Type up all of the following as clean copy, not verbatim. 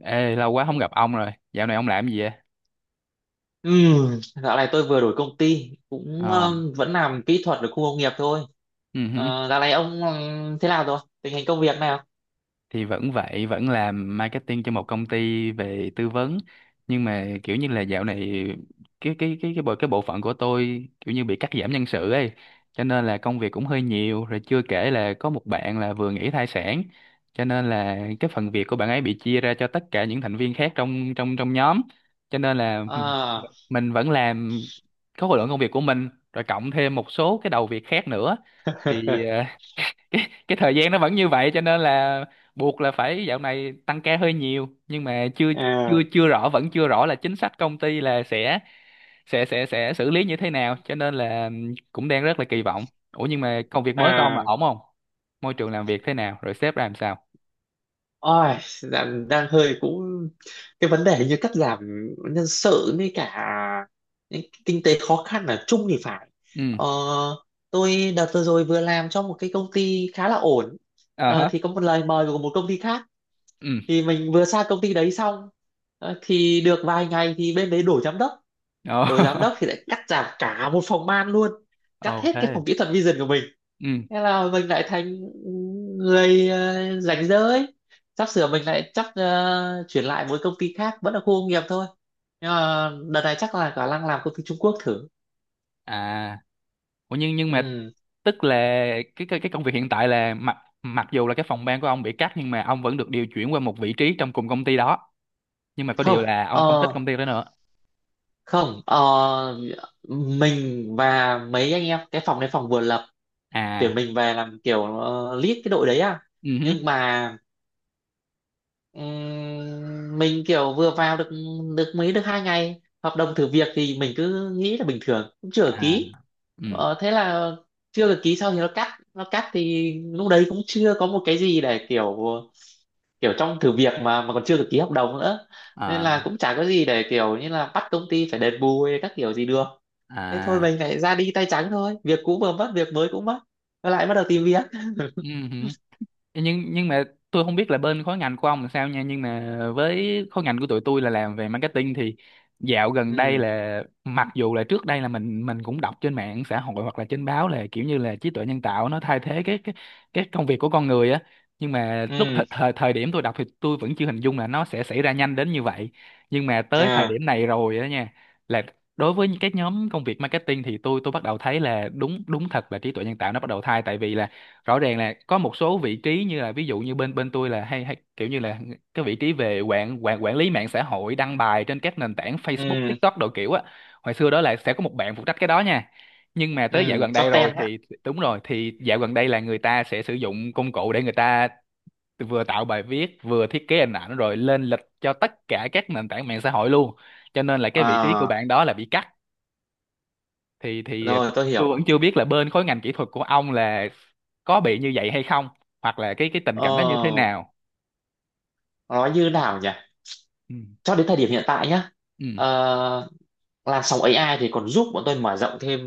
Ê, lâu quá không gặp ông rồi. Dạo này ông làm gì vậy? Ừ, dạo này tôi vừa đổi công ty cũng Ờ. Vẫn làm kỹ thuật ở khu công nghiệp thôi. Ừ hử. Ờ, dạo này ông thế nào rồi? Tình hình công việc nào? Thì vẫn vậy, vẫn làm marketing cho một công ty về tư vấn, nhưng mà kiểu như là dạo này cái bộ phận của tôi kiểu như bị cắt giảm nhân sự ấy, cho nên là công việc cũng hơi nhiều, rồi chưa kể là có một bạn là vừa nghỉ thai sản, cho nên là cái phần việc của bạn ấy bị chia ra cho tất cả những thành viên khác trong trong trong nhóm, cho nên là À, mình vẫn làm, có khối lượng công việc của mình rồi cộng thêm một số cái đầu việc khác nữa. Thì cái thời gian nó vẫn như vậy, cho nên là buộc là phải dạo này tăng ca hơi nhiều, nhưng mà chưa chưa à, chưa rõ vẫn chưa rõ là chính sách công ty là sẽ xử lý như thế nào, cho nên là cũng đang rất là kỳ vọng. Ủa, nhưng mà công việc mới của ông là à, ổn không, môi trường làm việc thế nào, rồi sếp ra làm sao? ôi, đang hơi cũng cái vấn đề như cắt giảm nhân sự với cả những kinh tế khó khăn ở chung thì phải. Ừ. Ờ, tôi đợt vừa rồi vừa làm cho một cái công ty khá là ổn. Ờ Ờ, hả. thì có một lời mời của một công ty khác, Ừ. thì mình vừa sang công ty đấy xong. Ờ, thì được vài ngày thì bên đấy đổi giám đốc. Ồ. Đổi giám đốc thì lại cắt giảm cả một phòng ban luôn, cắt Ồ hết cái thế. phòng kỹ thuật vision của mình. Ừ. Thế là mình lại thành người ờ, rảnh rỗi, sắp sửa mình lại chắc ờ, chuyển lại một công ty khác vẫn là khu công nghiệp thôi, nhưng mà đợt này chắc là khả năng làm công ty Trung Quốc thử. À. Ủa, nhưng mà Ừ. tức là cái công việc hiện tại là mặc mặc dù là cái phòng ban của ông bị cắt, nhưng mà ông vẫn được điều chuyển qua một vị trí trong cùng công ty đó, nhưng mà có điều Không là ông không thích ờ, công ty đó nữa. không ờ, mình và mấy anh em cái phòng này phòng vừa lập, tuyển À. mình về làm kiểu ờ, lead cái đội đấy à. Ừ hứ. Nhưng mà mình kiểu vừa vào được được mấy được 2 ngày hợp đồng thử việc, thì mình cứ nghĩ là bình thường cũng chưa được À. ký. Ừ. Ờ, thế là chưa được ký, sau thì nó cắt thì lúc đấy cũng chưa có một cái gì để kiểu, kiểu trong thử việc mà còn chưa được ký hợp đồng nữa, nên À. là cũng chả có gì để kiểu như là bắt công ty phải đền bù hay các kiểu gì được. Thế thôi À. mình lại ra đi tay trắng, thôi việc cũ vừa mất, việc mới cũng mất, lại bắt đầu tìm việc. Ừ hứ. Nhưng mà tôi không biết là bên khối ngành của ông là sao nha, nhưng mà với khối ngành của tụi tôi là làm về marketing thì dạo gần đây Ừ, là, mặc dù là trước đây là mình cũng đọc trên mạng xã hội hoặc là trên báo là kiểu như là trí tuệ nhân tạo nó thay thế cái công việc của con người á, nhưng mà lúc ừ. thời, thời thời điểm tôi đọc thì tôi vẫn chưa hình dung là nó sẽ xảy ra nhanh đến như vậy. Nhưng mà tới thời À. điểm này rồi á nha, là đối với những cái nhóm công việc marketing thì tôi bắt đầu thấy là đúng, đúng thật là trí tuệ nhân tạo nó bắt đầu thay, tại vì là rõ ràng là có một số vị trí như là, ví dụ như bên bên tôi là hay hay kiểu như là cái vị trí về quản quản quản lý mạng xã hội, đăng bài trên các nền tảng Facebook, Ừ, TikTok đồ kiểu á. Hồi xưa đó là sẽ có một bạn phụ trách cái đó nha. Nhưng mà ừ. tới dạo gần đây rồi Content á. thì, đúng rồi, thì dạo gần đây là người ta sẽ sử dụng công cụ để người ta vừa tạo bài viết, vừa thiết kế hình ảnh rồi lên lịch cho tất cả các nền tảng mạng xã hội luôn. Cho nên là cái vị trí của À, bạn đó là bị cắt. Thì rồi tôi tôi vẫn hiểu. chưa biết là bên khối ngành kỹ thuật của ông là có bị như vậy hay không, hoặc là cái tình cảnh nó như thế Ờ, nào. nói như nào nhỉ, Ừ. cho đến thời điểm hiện tại nhá. Ừ. Ờ, làn sóng AI thì còn giúp bọn tôi mở rộng thêm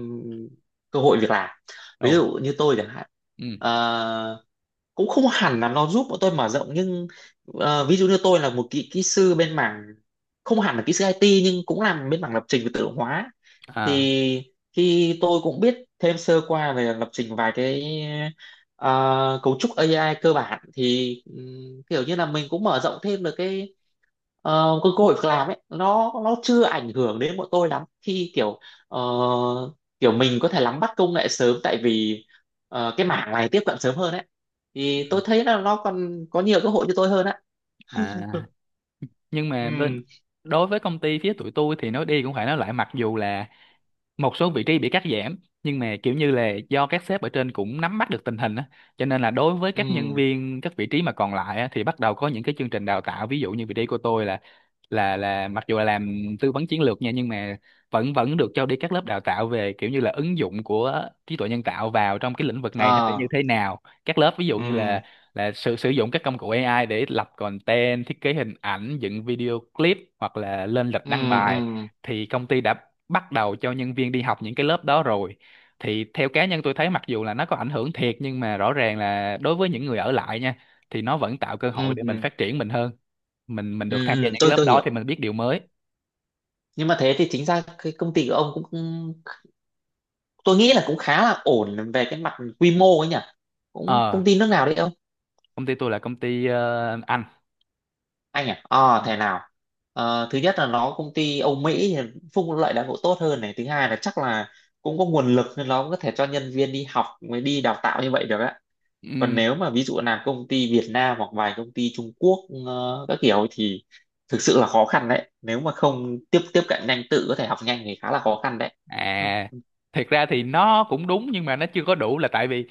cơ hội việc làm, Ồ. ví dụ như tôi chẳng hạn. Ừ. Ờ, cũng không hẳn là nó giúp bọn tôi mở rộng, nhưng ờ, ví dụ như tôi là một kỹ kỹ sư bên mảng, không hẳn là kỹ sư IT nhưng cũng làm bên mảng lập trình và tự động hóa, À. thì khi tôi cũng biết thêm sơ qua về lập trình vài cái ờ, cấu trúc AI cơ bản, thì kiểu như là mình cũng mở rộng thêm được cái ờ, cái cơ hội việc làm ấy. Nó chưa ảnh hưởng đến bọn tôi lắm, khi kiểu ờ, kiểu mình có thể nắm bắt công nghệ sớm, tại vì ờ, cái mảng này tiếp cận sớm hơn ấy, thì tôi thấy là nó còn có nhiều cơ hội cho tôi hơn á. À. Nhưng Ừ, mà bên, đối với công ty phía tụi tôi thì nói đi cũng phải nói lại, mặc dù là một số vị trí bị cắt giảm, nhưng mà kiểu như là do các sếp ở trên cũng nắm bắt được tình hình á, cho nên là đối với các nhân ừ. viên các vị trí mà còn lại á, thì bắt đầu có những cái chương trình đào tạo. Ví dụ như vị trí của tôi là, là mặc dù là làm tư vấn chiến lược nha, nhưng mà vẫn vẫn được cho đi các lớp đào tạo về kiểu như là ứng dụng của trí tuệ nhân tạo vào trong cái lĩnh vực này nó sẽ Ờ. như thế nào. Các lớp ví dụ như ừ là sử sử dụng các công cụ AI để lập content, thiết kế hình ảnh, dựng video clip, hoặc là lên lịch ừ, đăng ừ. bài. Thì công ty đã bắt đầu cho nhân viên đi học những cái lớp đó rồi. Thì theo cá nhân tôi thấy, mặc dù là nó có ảnh hưởng thiệt, nhưng mà rõ ràng là đối với những người ở lại nha, thì nó vẫn tạo cơ hội Ừ, để ừ. mình phát triển mình hơn, mình được Ừ, tham gia ừ, những cái tôi lớp tôi đó thì hiểu. mình biết điều mới. Nhưng mà thế thì chính ra cái công ty của ông cũng cũng- tôi nghĩ là cũng khá là ổn về cái mặt quy mô ấy nhỉ, cũng Ờ, công ty nước nào đấy ông. công ty tôi là công ty Anh. Anh à, ờ thế nào. Ờ, thứ nhất là nó công ty Âu Mỹ thì phúc lợi đãi ngộ tốt hơn này, thứ hai là chắc là cũng có nguồn lực nên nó cũng có thể cho nhân viên đi học mới đi đào tạo như vậy được á. Còn Ừm. nếu mà ví dụ là công ty Việt Nam hoặc vài công ty Trung Quốc ờ, các kiểu thì thực sự là khó khăn đấy, nếu mà không tiếp tiếp cận nhanh tự có thể học nhanh thì khá là khó khăn đấy. À, Ừ. thiệt ra thì nó cũng đúng, nhưng mà nó chưa có đủ, là tại vì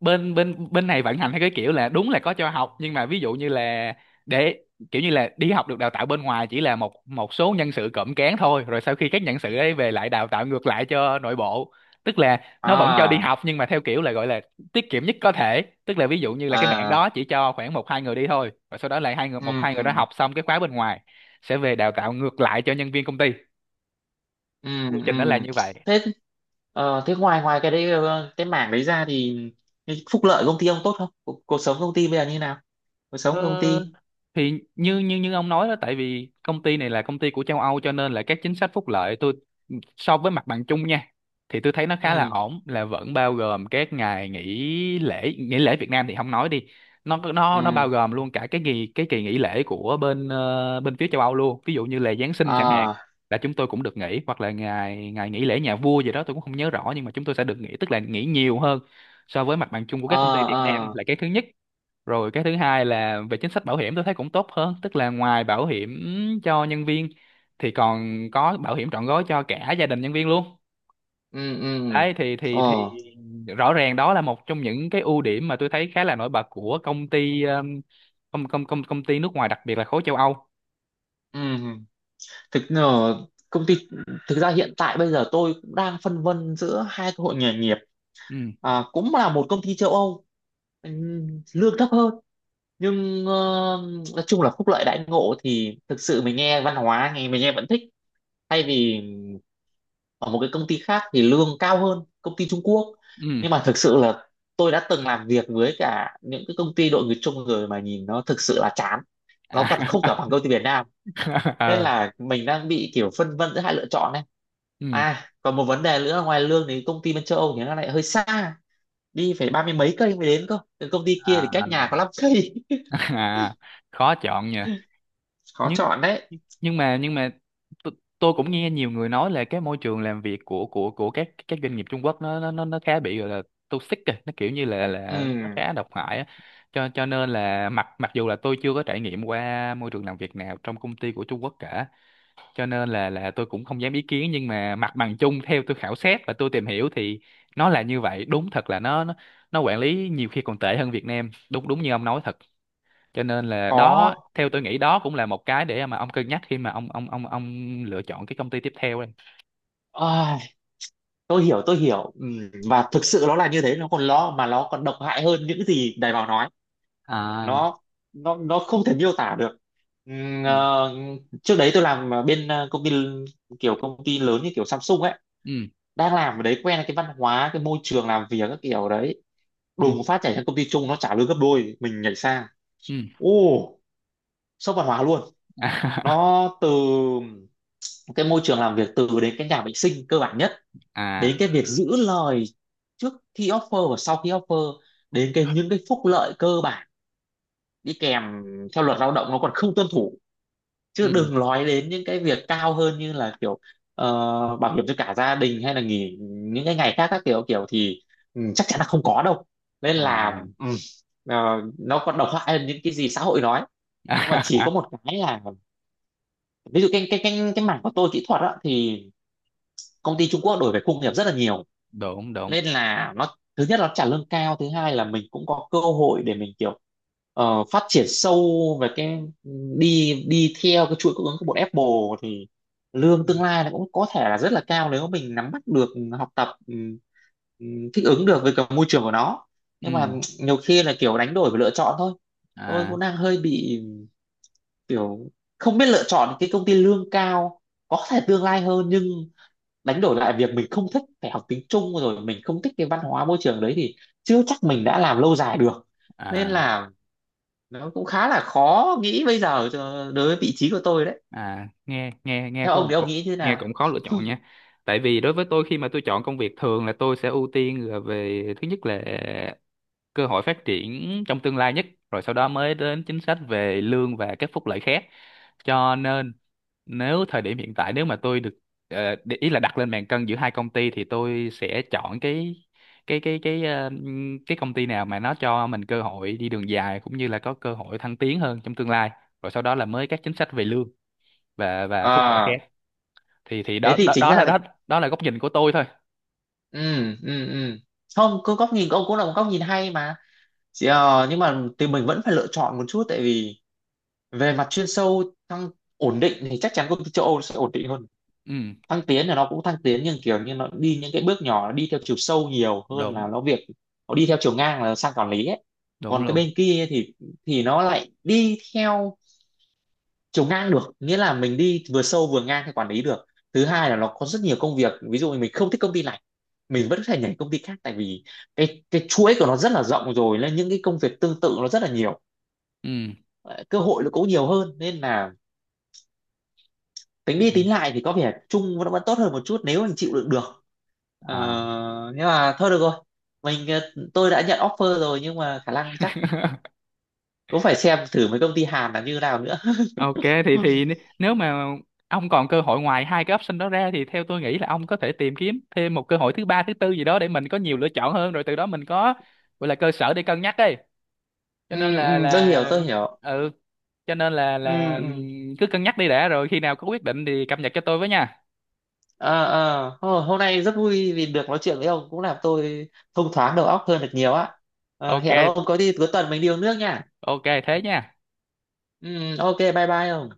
bên bên bên này vận hành theo cái kiểu là đúng là có cho học, nhưng mà ví dụ như là để kiểu như là đi học được đào tạo bên ngoài chỉ là một một số nhân sự cộm cán thôi, rồi sau khi các nhân sự ấy về lại đào tạo ngược lại cho nội bộ. Tức là nó vẫn cho đi À, học, nhưng mà theo kiểu là gọi là tiết kiệm nhất có thể. Tức là ví dụ như là cái mảng à. đó chỉ cho khoảng một hai người đi thôi, và sau đó lại hai người, một hai người đó Ừ. học xong cái khóa bên ngoài sẽ về đào tạo ngược lại cho nhân viên công ty. Ừ, Quy ừ. trình nó là như vậy. Thế ờ, thế ngoài ngoài cái đấy ờ, cái mảng đấy ra thì cái phúc lợi công ty ông tốt không, cuộc sống công ty bây giờ như nào, cuộc sống công Ờ, ty. thì như như như ông nói đó, tại vì công ty này là công ty của châu Âu cho nên là các chính sách phúc lợi, tôi so với mặt bằng chung nha, thì tôi thấy nó khá là Ừ, ổn, là vẫn bao gồm các ngày nghỉ lễ, nghỉ lễ Việt Nam thì không nói đi, nó ừ. nó nó bao gồm luôn cả cái kỳ nghỉ lễ của bên bên phía châu Âu luôn, ví dụ như là Giáng sinh chẳng hạn, Ờ. là chúng tôi cũng được nghỉ, hoặc là ngày ngày nghỉ lễ nhà vua gì đó tôi cũng không nhớ rõ, nhưng mà chúng tôi sẽ được nghỉ, tức là nghỉ nhiều hơn so với mặt bằng chung của Ờ. các công ty Việt Ờ. Nam, là cái thứ nhất. Rồi cái thứ hai là về chính sách bảo hiểm tôi thấy cũng tốt hơn, tức là ngoài bảo hiểm cho nhân viên thì còn có bảo hiểm trọn gói cho cả gia đình nhân viên luôn. Ừ, ừ. Đấy, thì Ờ. rõ ràng đó là một trong những cái ưu điểm mà tôi thấy khá là nổi bật của công ty công công công công ty nước ngoài, đặc biệt là khối châu Âu. Ừ. Thực ờ, công ty, thực ra hiện tại bây giờ tôi cũng đang phân vân giữa hai cơ hội nghề nghiệp. Ừ. À, cũng là một công ty châu Âu, lương thấp hơn, nhưng ờ, nói chung là phúc lợi đãi ngộ thì thực sự mình nghe văn hóa nghe mình nghe vẫn thích, thay vì ở một cái công ty khác thì lương cao hơn, công ty Trung Quốc. Ừ. Nhưng mà thực sự là tôi đã từng làm việc với cả những cái công ty đội người Trung rồi mà nhìn nó thực sự là chán, nó À. còn không cả bằng công ty Việt Nam, nên Ờ. là mình đang bị kiểu phân vân giữa hai lựa chọn này. Ừ. À còn một vấn đề nữa là ngoài lương thì công ty bên châu Âu thì nó lại hơi xa, đi phải 30 mấy cây mới đến cơ. Từ công ty kia thì À. cách nhà có 5 cây. À, khó chọn nhỉ. Khó nhưng chọn đấy. nhưng mà nhưng mà t- tôi cũng nghe nhiều người nói là cái môi trường làm việc của các các doanh nghiệp Trung Quốc nó khá bị gọi là toxic kìa, nó kiểu như là nó Ừ, khá độc hại á, cho nên là mặc mặc dù là tôi chưa có trải nghiệm qua môi trường làm việc nào trong công ty của Trung Quốc cả, cho nên là tôi cũng không dám ý kiến. Nhưng mà mặt bằng chung theo tôi khảo sát và tôi tìm hiểu thì nó là như vậy, đúng thật là nó nó quản lý nhiều khi còn tệ hơn Việt Nam, đúng đúng như ông nói thật. Cho nên là đó, có. theo tôi nghĩ đó cũng là một cái để mà ông cân nhắc khi mà ông lựa chọn cái công ty tiếp theo đây. Ai, tôi hiểu ừ, và thực sự nó là như thế, nó còn lo mà nó còn độc hại hơn những gì Đài Bảo nói, À. nó nó không thể miêu tả được. Ừ, Ừ. ờ, trước đấy tôi làm ở bên ờ, công ty, kiểu công ty lớn như kiểu Samsung ấy, Ừ. đang làm ở đấy quen cái văn hóa cái môi trường làm việc các kiểu đấy, Ừ. đùng phát nhảy sang công ty chung nó trả lương gấp đôi mình nhảy sang. Ừ. Ô, sốc văn hóa luôn. Nó từ cái môi trường làm việc, từ đến cái nhà vệ sinh cơ bản nhất, đến À. cái việc giữ lời trước khi offer và sau khi offer, đến cái những cái phúc lợi cơ bản đi kèm theo luật lao động nó còn không tuân thủ, chứ Ừ. đừng nói đến những cái việc cao hơn như là kiểu ờ, bảo hiểm cho cả gia đình hay là nghỉ những cái ngày khác các kiểu kiểu thì ừ, chắc chắn là không có đâu. Nên À. là ừ, ờ, nó còn độc hại hơn những cái gì xã hội nói. Nhưng mà chỉ có một cái là, ví dụ cái mảng của tôi kỹ thuật á thì công ty Trung Quốc đổi về khung nghiệp rất là nhiều, Đúng đúng. nên là nó thứ nhất nó trả lương cao, thứ hai là mình cũng có cơ hội để mình kiểu ờ, phát triển sâu về cái, đi đi theo cái chuỗi cung ứng của bọn Apple, thì Ừ. lương tương lai nó cũng có thể là rất là cao, nếu mình nắm bắt được, học tập thích ứng được với cả môi trường của nó. Nhưng mà Ừ. nhiều khi là kiểu đánh đổi và lựa chọn thôi, tôi À. cũng đang hơi bị kiểu không biết lựa chọn cái công ty lương cao có thể tương lai hơn, nhưng đánh đổi lại việc mình không thích phải học tiếng Trung rồi mình không thích cái văn hóa môi trường đấy thì chưa chắc mình đã làm lâu dài được, nên à là nó cũng khá là khó nghĩ bây giờ cho- đối với vị trí của tôi đấy. à nghe nghe nghe Theo có ông thì ông nghĩ như thế nghe nào? cũng khó lựa chọn nha tại vì đối với tôi khi mà tôi chọn công việc thường là tôi sẽ ưu tiên là về thứ nhất là cơ hội phát triển trong tương lai nhất rồi sau đó mới đến chính sách về lương và các phúc lợi khác cho nên nếu thời điểm hiện tại nếu mà tôi được ờ, để ý là đặt lên bàn cân giữa hai công ty thì tôi sẽ chọn cái ờ, cái công ty nào mà nó cho mình cơ hội đi đường dài cũng như là có cơ hội thăng tiến hơn trong tương lai rồi sau đó là mới các chính sách về lương và phúc lợi À, khác thì thế đó thì chính ra là đó đó là góc nhìn của tôi thôi ừ, ừ, ừ, không, cứ góc nhìn của ông cũng là một góc nhìn hay mà. Chỉ, ờ, nhưng mà thì mình vẫn phải lựa chọn một chút, tại vì về mặt chuyên sâu thăng, ổn định thì chắc chắn công ty châu Âu sẽ ổn định hơn, ừ thăng tiến là nó cũng thăng tiến nhưng kiểu như nó đi những cái bước nhỏ, nó đi theo chiều sâu nhiều hơn đúng là nó việc, nó đi theo chiều ngang là sang quản lý ấy. đúng Còn cái luôn bên kia thì nó lại đi theo chiều ngang được, nghĩa là mình đi vừa sâu vừa ngang theo quản lý được. Thứ hai là nó có rất nhiều công việc, ví dụ như mình không thích công ty này mình vẫn có thể nhảy công ty khác, tại vì cái chuỗi của nó rất là rộng rồi nên những cái công việc tương tự nó rất là nhiều. ừ Ờ, cơ hội nó cũng nhiều hơn, nên là tính đi ừ. tính lại thì có vẻ chung nó vẫn tốt hơn một chút nếu anh chịu đựng được. Ờ, à nhưng mà thôi được rồi, mình ờ, tôi đã nhận offer rồi nhưng mà khả năng chắc cũng phải xem thử mấy công ty Hàn là như nào nữa. Ok. thì Ừ, thì n- nếu mà ông còn cơ hội ngoài hai cái option đó ra thì theo tôi nghĩ là ông có thể tìm kiếm thêm một cơ hội thứ ba thứ tư gì đó để mình có nhiều lựa chọn hơn, rồi từ đó mình có, gọi là cơ sở để cân nhắc ấy. Cho ừ, nên ừ, tôi hiểu tôi là hiểu. Ừ. Cho nên là Ừ, ừ. Cứ cân nhắc đi đã, rồi khi nào có quyết định thì cập nhật cho tôi với nha. Ờ, ờ. Hô- hôm nay rất vui vì được nói chuyện với ông cũng làm tôi thông thoáng đầu óc hơn được nhiều á. Ờ, Ok, hẹn ông có đi cuối tuần mình đi uống nước nha. ok thế nha. Ừ, ok bye bye ông.